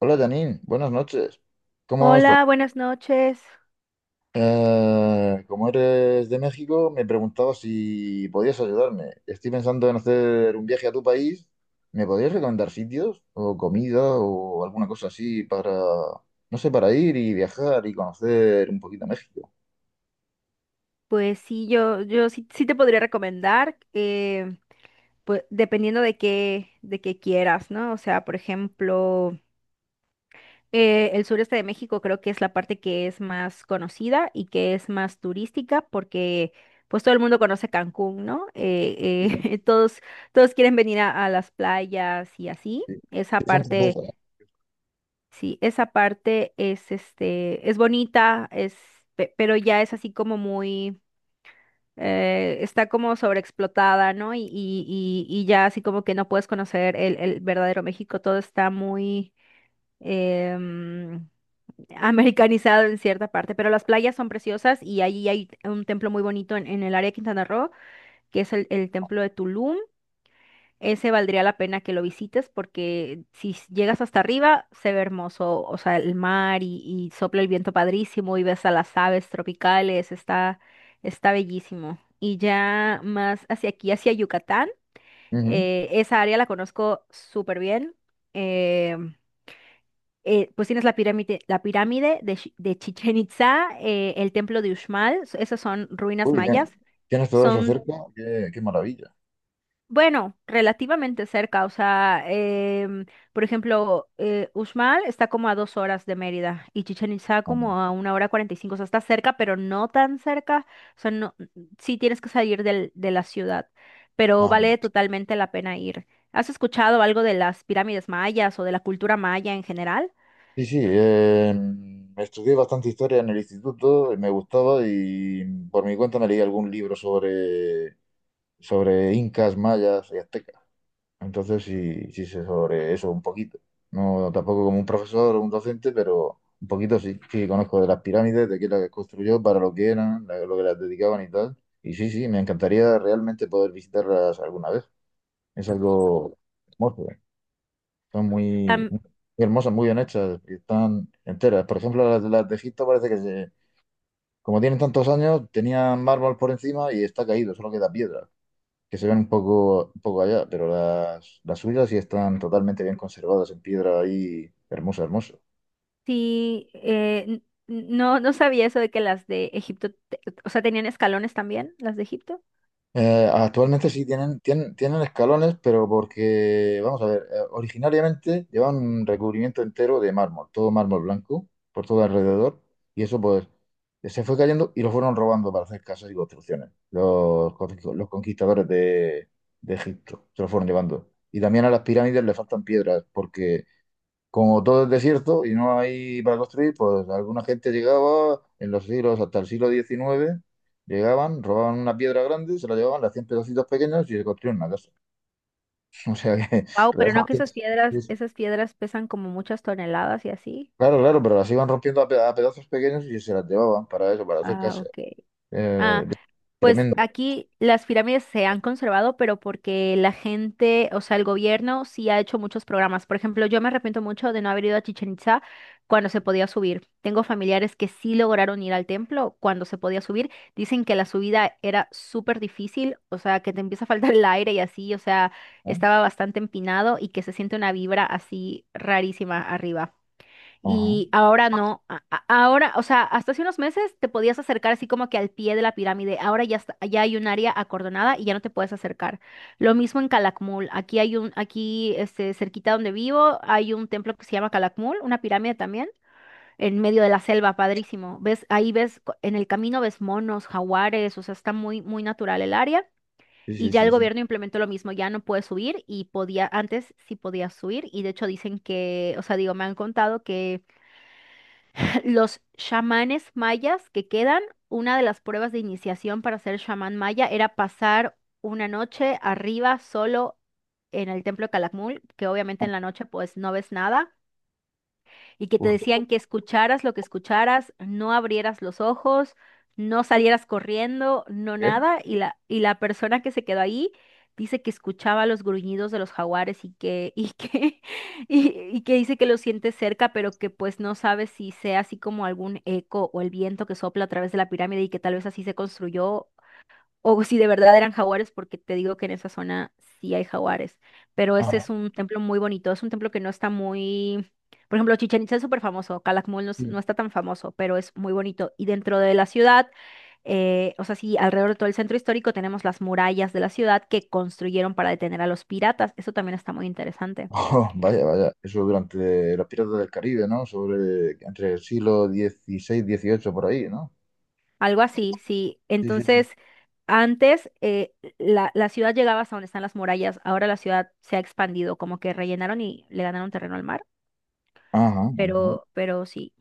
Hola Janine, buenas noches. ¿Cómo estás? Hola, buenas noches. Como eres de México, me preguntaba si podías ayudarme. Estoy pensando en hacer un viaje a tu país. ¿Me podrías recomendar sitios o comida o alguna cosa así para, no sé, para ir y viajar y conocer un poquito México? Pues sí, yo sí, sí te podría recomendar, pues dependiendo de qué quieras, ¿no? O sea, por ejemplo, el sureste de México creo que es la parte que es más conocida y que es más turística porque pues todo el mundo conoce Cancún, ¿no? Sí, sí, todos quieren venir a las playas y así. sí. Esa Sí, son parte. francesas. Sí, esa parte es, es bonita, pero ya es así como muy está como sobreexplotada, ¿no? Y ya así como que no puedes conocer el verdadero México, todo está muy em, americanizado en cierta parte, pero las playas son preciosas y allí hay un templo muy bonito en el área de Quintana Roo, que es el templo de Tulum. Ese valdría la pena que lo visites porque si llegas hasta arriba se ve hermoso, o sea, el mar y sopla el viento padrísimo y ves a las aves tropicales, está bellísimo. Y ya más hacia aquí, hacia Yucatán, Ujú. Esa área la conozco súper bien. eh, pues tienes la pirámide de Chichen Itza, el templo de Uxmal, esas son ruinas Uy, bien. mayas. Tienes todo eso Son cerca, qué maravilla. Bueno, relativamente cerca, o sea, por ejemplo, Uxmal está como a 2 horas de Mérida y Chichén Itzá como a Ah, una hora 45, o sea, está cerca, pero no tan cerca, o sea, no, sí tienes que salir de la ciudad, pero vale ah. totalmente la pena ir. ¿Has escuchado algo de las pirámides mayas o de la cultura maya en general? Sí, sí, estudié bastante historia en el instituto, y me gustaba y por mi cuenta me leí algún libro sobre, sobre incas, mayas y aztecas. Entonces sí, sí sé sobre eso un poquito. No tampoco como un profesor o un docente, pero un poquito sí. Sí, conozco de las pirámides, de qué las construyó, para lo que eran, lo que las dedicaban y tal. Y sí, sí, me encantaría realmente poder visitarlas alguna vez. Es algo hermoso. Son muy, Am- muy hermosas, muy bien hechas y están enteras. Por ejemplo, las de Egipto parece que, como tienen tantos años, tenían mármol por encima y está caído, solo queda piedra, que se ven un poco allá, pero las suyas sí están totalmente bien conservadas en piedra ahí, hermosa, hermosa. sí, no, no sabía eso de que las de Egipto, o sea, tenían escalones también, las de Egipto. Actualmente sí tienen, tienen escalones, pero porque, vamos a ver, originariamente llevaban un recubrimiento entero de mármol, todo mármol blanco, por todo alrededor, y eso pues se fue cayendo y lo fueron robando para hacer casas y construcciones. Los conquistadores de Egipto se lo fueron llevando. Y también a las pirámides le faltan piedras porque como todo es desierto y no hay para construir, pues alguna gente llegaba en los siglos, hasta el siglo XIX, llegaban, robaban una piedra grande, se la llevaban, le hacían pedacitos pequeños y se construían una casa. O sea que Wow, pero no que realmente... esas piedras, es- esas piedras pesan como muchas toneladas y así. Claro, claro, pero las iban rompiendo a, a pedazos pequeños y se las llevaban para eso, para hacer Ah, casa. ok. Eh, Ah, pues tremendo, aquí las pirámides se han conservado, pero porque la gente, o sea, el gobierno sí ha hecho muchos programas. Por ejemplo, yo me arrepiento mucho de no haber ido a Chichen Itza cuando se podía subir. Tengo familiares que sí lograron ir al templo cuando se podía subir. Dicen que la subida era súper difícil, o sea, que te empieza a faltar el aire y así, o sea, ¿no? estaba bastante empinado y que se siente una vibra así rarísima arriba. Ajá. Y ahora no, ahora, o sea, hasta hace unos meses te podías acercar así como que al pie de la pirámide, ahora ya, ya hay un área acordonada y ya no te puedes acercar. Lo mismo en Calakmul, aquí cerquita donde vivo hay un templo que se llama Calakmul, una pirámide también, en medio de la selva, padrísimo. Ahí ves, en el camino ves monos, jaguares, o sea, está muy, muy natural el área. Sí, Y sí, ya el sí, sí. gobierno implementó lo mismo, ya no puedes subir y podía, antes sí podías subir y de hecho dicen que, o sea, digo, me han contado que los chamanes mayas que quedan, una de las pruebas de iniciación para ser chamán maya era pasar una noche arriba solo en el templo de Calakmul, que obviamente en la noche pues no ves nada y que te Uy, decían que escucharas lo que escucharas, no abrieras los ojos, no salieras corriendo, no ¿qué? nada, y la persona que se quedó ahí dice que escuchaba los gruñidos de los jaguares y, y que dice que lo siente cerca, pero que pues no sabe si sea así como algún eco o el viento que sopla a través de la pirámide y que tal vez así se construyó o si de verdad eran jaguares, porque te digo que en esa zona sí hay jaguares. Pero ese Ajá, es un templo muy bonito. Es un templo que no está muy. Por ejemplo, Chichén Itzá es súper famoso. Calakmul no, sí. no está tan famoso, pero es muy bonito. Y dentro de la ciudad, o sea, sí, alrededor de todo el centro histórico tenemos las murallas de la ciudad que construyeron para detener a los piratas. Eso también está muy interesante. Vaya, vaya. Eso durante los piratas del Caribe, ¿no? Sobre entre el siglo XVI, XVIII, por ahí, ¿no? Algo así, sí. Sí, sí, sí. Entonces. Antes la ciudad llegaba hasta donde están las murallas, ahora la ciudad se ha expandido, como que rellenaron y le ganaron terreno al mar. Ajá, ajá. Pero sí.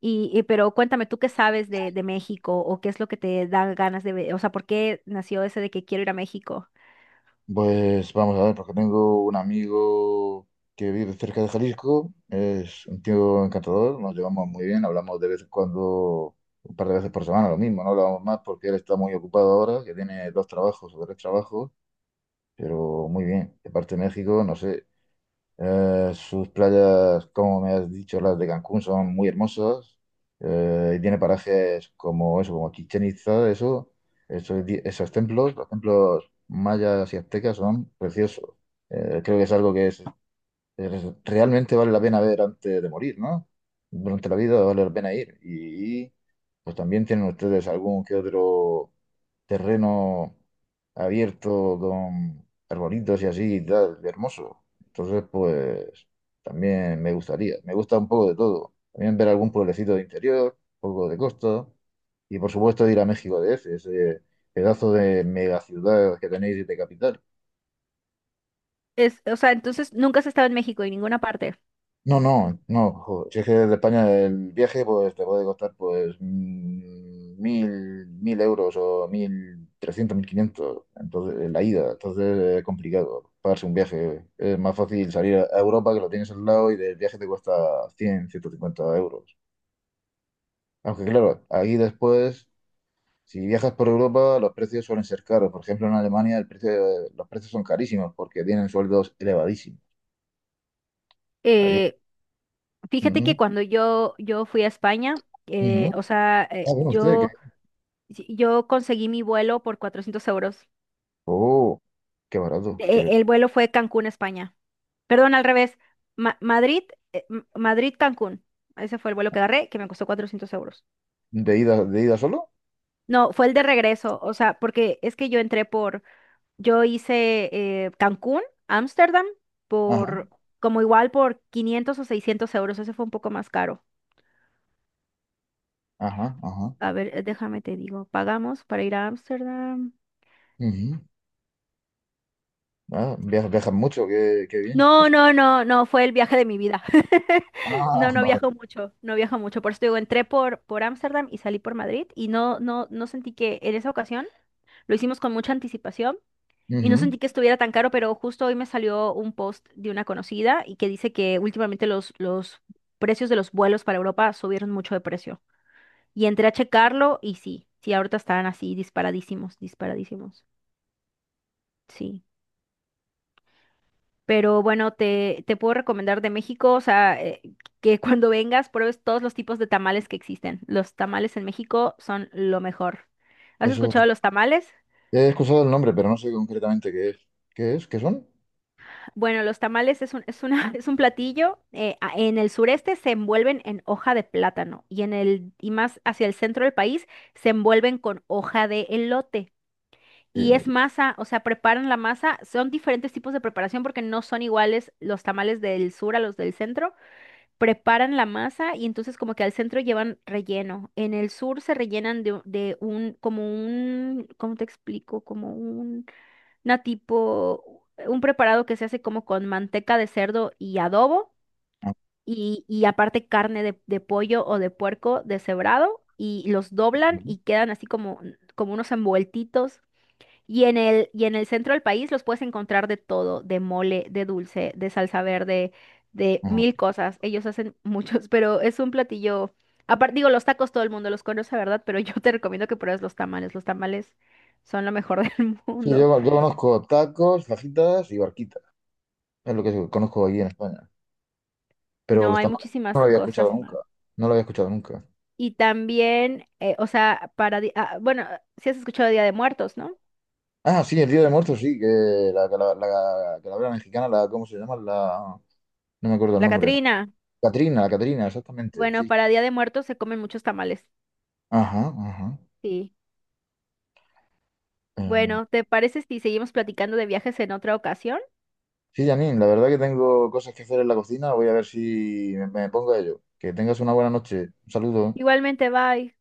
Pero cuéntame, ¿tú qué sabes de México o qué es lo que te da ganas de ver? O sea, ¿por qué nació ese de que quiero ir a México? Pues vamos a ver, porque tengo un amigo que vive cerca de Jalisco, es un tío encantador, nos llevamos muy bien, hablamos de vez en cuando, un par de veces por semana, lo mismo, no hablamos más porque él está muy ocupado ahora, que tiene 2 trabajos o 3 trabajos, pero muy bien. De parte de México, no sé, sus playas, como me has dicho, las de Cancún son muy hermosas. Y tiene parajes como eso, como Chichén Itzá, eso, esos templos, los templos mayas y aztecas son preciosos. Creo que es algo que realmente vale la pena ver antes de morir, ¿no? Durante la vida vale la pena ir. Pues también tienen ustedes algún que otro terreno abierto con arbolitos y así y tal, hermoso. Entonces, pues también me gustaría, me gusta un poco de todo. También ver algún pueblecito de interior, un poco de costa y por supuesto ir a México DF, ese pedazo de megaciudad que tenéis de capital. O sea, entonces nunca has estado en México en ninguna parte. No, no, no, joder, si es que de España el viaje pues te puede costar pues mil euros o 1.300, 1.500, entonces la ida, entonces es complicado pagarse un viaje, es más fácil salir a Europa que lo tienes al lado y del viaje te cuesta 100 150 euros. Aunque claro, ahí después, si viajas por Europa los precios suelen ser caros, por ejemplo en Alemania el precio, los precios son carísimos porque tienen sueldos elevadísimos. Allí- Eh, Fíjate que Ujú, cuando yo fui a España, ujú. O sea, Ah, bueno, usted, si, yo conseguí mi vuelo por 400 euros. Oh, qué barato. De- el vuelo fue Cancún, España. Perdón, al revés. Ma- Madrid, Madrid, Cancún. Ese fue el vuelo que agarré, que me costó 400 euros. De ida solo? No, fue el de regreso, o sea, porque es que yo hice Cancún, Ámsterdam, Ajá, por, como igual por 500 o 600 euros, ese fue un poco más caro. ajá, ajá. A ver, déjame te digo, ¿pagamos para ir a Ámsterdam? Ujú. Ah, viajas mucho, qué bien. No, Eso. no, no, no, fue el viaje de mi vida. Ah, No, no vale. viajo mucho, no viajo mucho, por eso te digo, entré por Ámsterdam y salí por Madrid y no, no, no sentí que en esa ocasión lo hicimos con mucha anticipación. Y no Ujú. sentí que estuviera tan caro, pero justo hoy me salió un post de una conocida y que dice que últimamente los precios de los vuelos para Europa subieron mucho de precio. Y entré a checarlo y sí, sí, ahorita están así disparadísimos, disparadísimos. Sí. Pero bueno, te puedo recomendar de México, o sea, que cuando vengas pruebes todos los tipos de tamales que existen. Los tamales en México son lo mejor. ¿Has Eso. escuchado los tamales? He escuchado el nombre, pero no sé concretamente qué es. ¿Qué es? ¿Qué son? Bueno, los tamales es un, es una, es un platillo. En el sureste se envuelven en hoja de plátano y y más hacia el centro del país se envuelven con hoja de elote. Y es ¿Qué- masa, o sea, preparan la masa. Son diferentes tipos de preparación porque no son iguales los tamales del sur a los del centro. Preparan la masa y entonces como que al centro llevan relleno. En el sur se rellenan de un, como un, ¿cómo te explico? Como un preparado que se hace como con manteca de cerdo y adobo ah, y aparte carne de pollo o de puerco deshebrado y los doblan ujú, y quedan así como unos envueltitos. Y en el centro del país los puedes encontrar de todo, de mole, de dulce, de salsa verde, de ujú. mil cosas. Ellos hacen muchos, pero es un platillo. Aparte, digo, los tacos todo el mundo los conoce, ¿verdad? Pero yo te recomiendo que pruebes los tamales. Los tamales son lo mejor del Sí, mundo. yo conozco tacos, fajitas y barquitas. Es lo que conozco aquí en España. Pero No, los hay tamales no muchísimas lo había escuchado cosas nunca. más. No lo había escuchado nunca. Y también, o sea, ah, bueno, si has escuchado Día de Muertos, ¿no? Ah, sí, el Día de Muertos, sí, que la calavera mexicana, la, ¿cómo se llama? No me acuerdo el La nombre. Catrina. Catrina, la Catrina, exactamente, Bueno, sí. para Día de Muertos se comen muchos tamales. Ajá, ajá. Sí. Eh, Bueno, ¿te parece si seguimos platicando de viajes en otra ocasión? sí, Janine, la verdad que tengo cosas que hacer en la cocina. Voy a ver si me pongo a ello. Que tengas una buena noche. Un saludo. Igualmente, bye.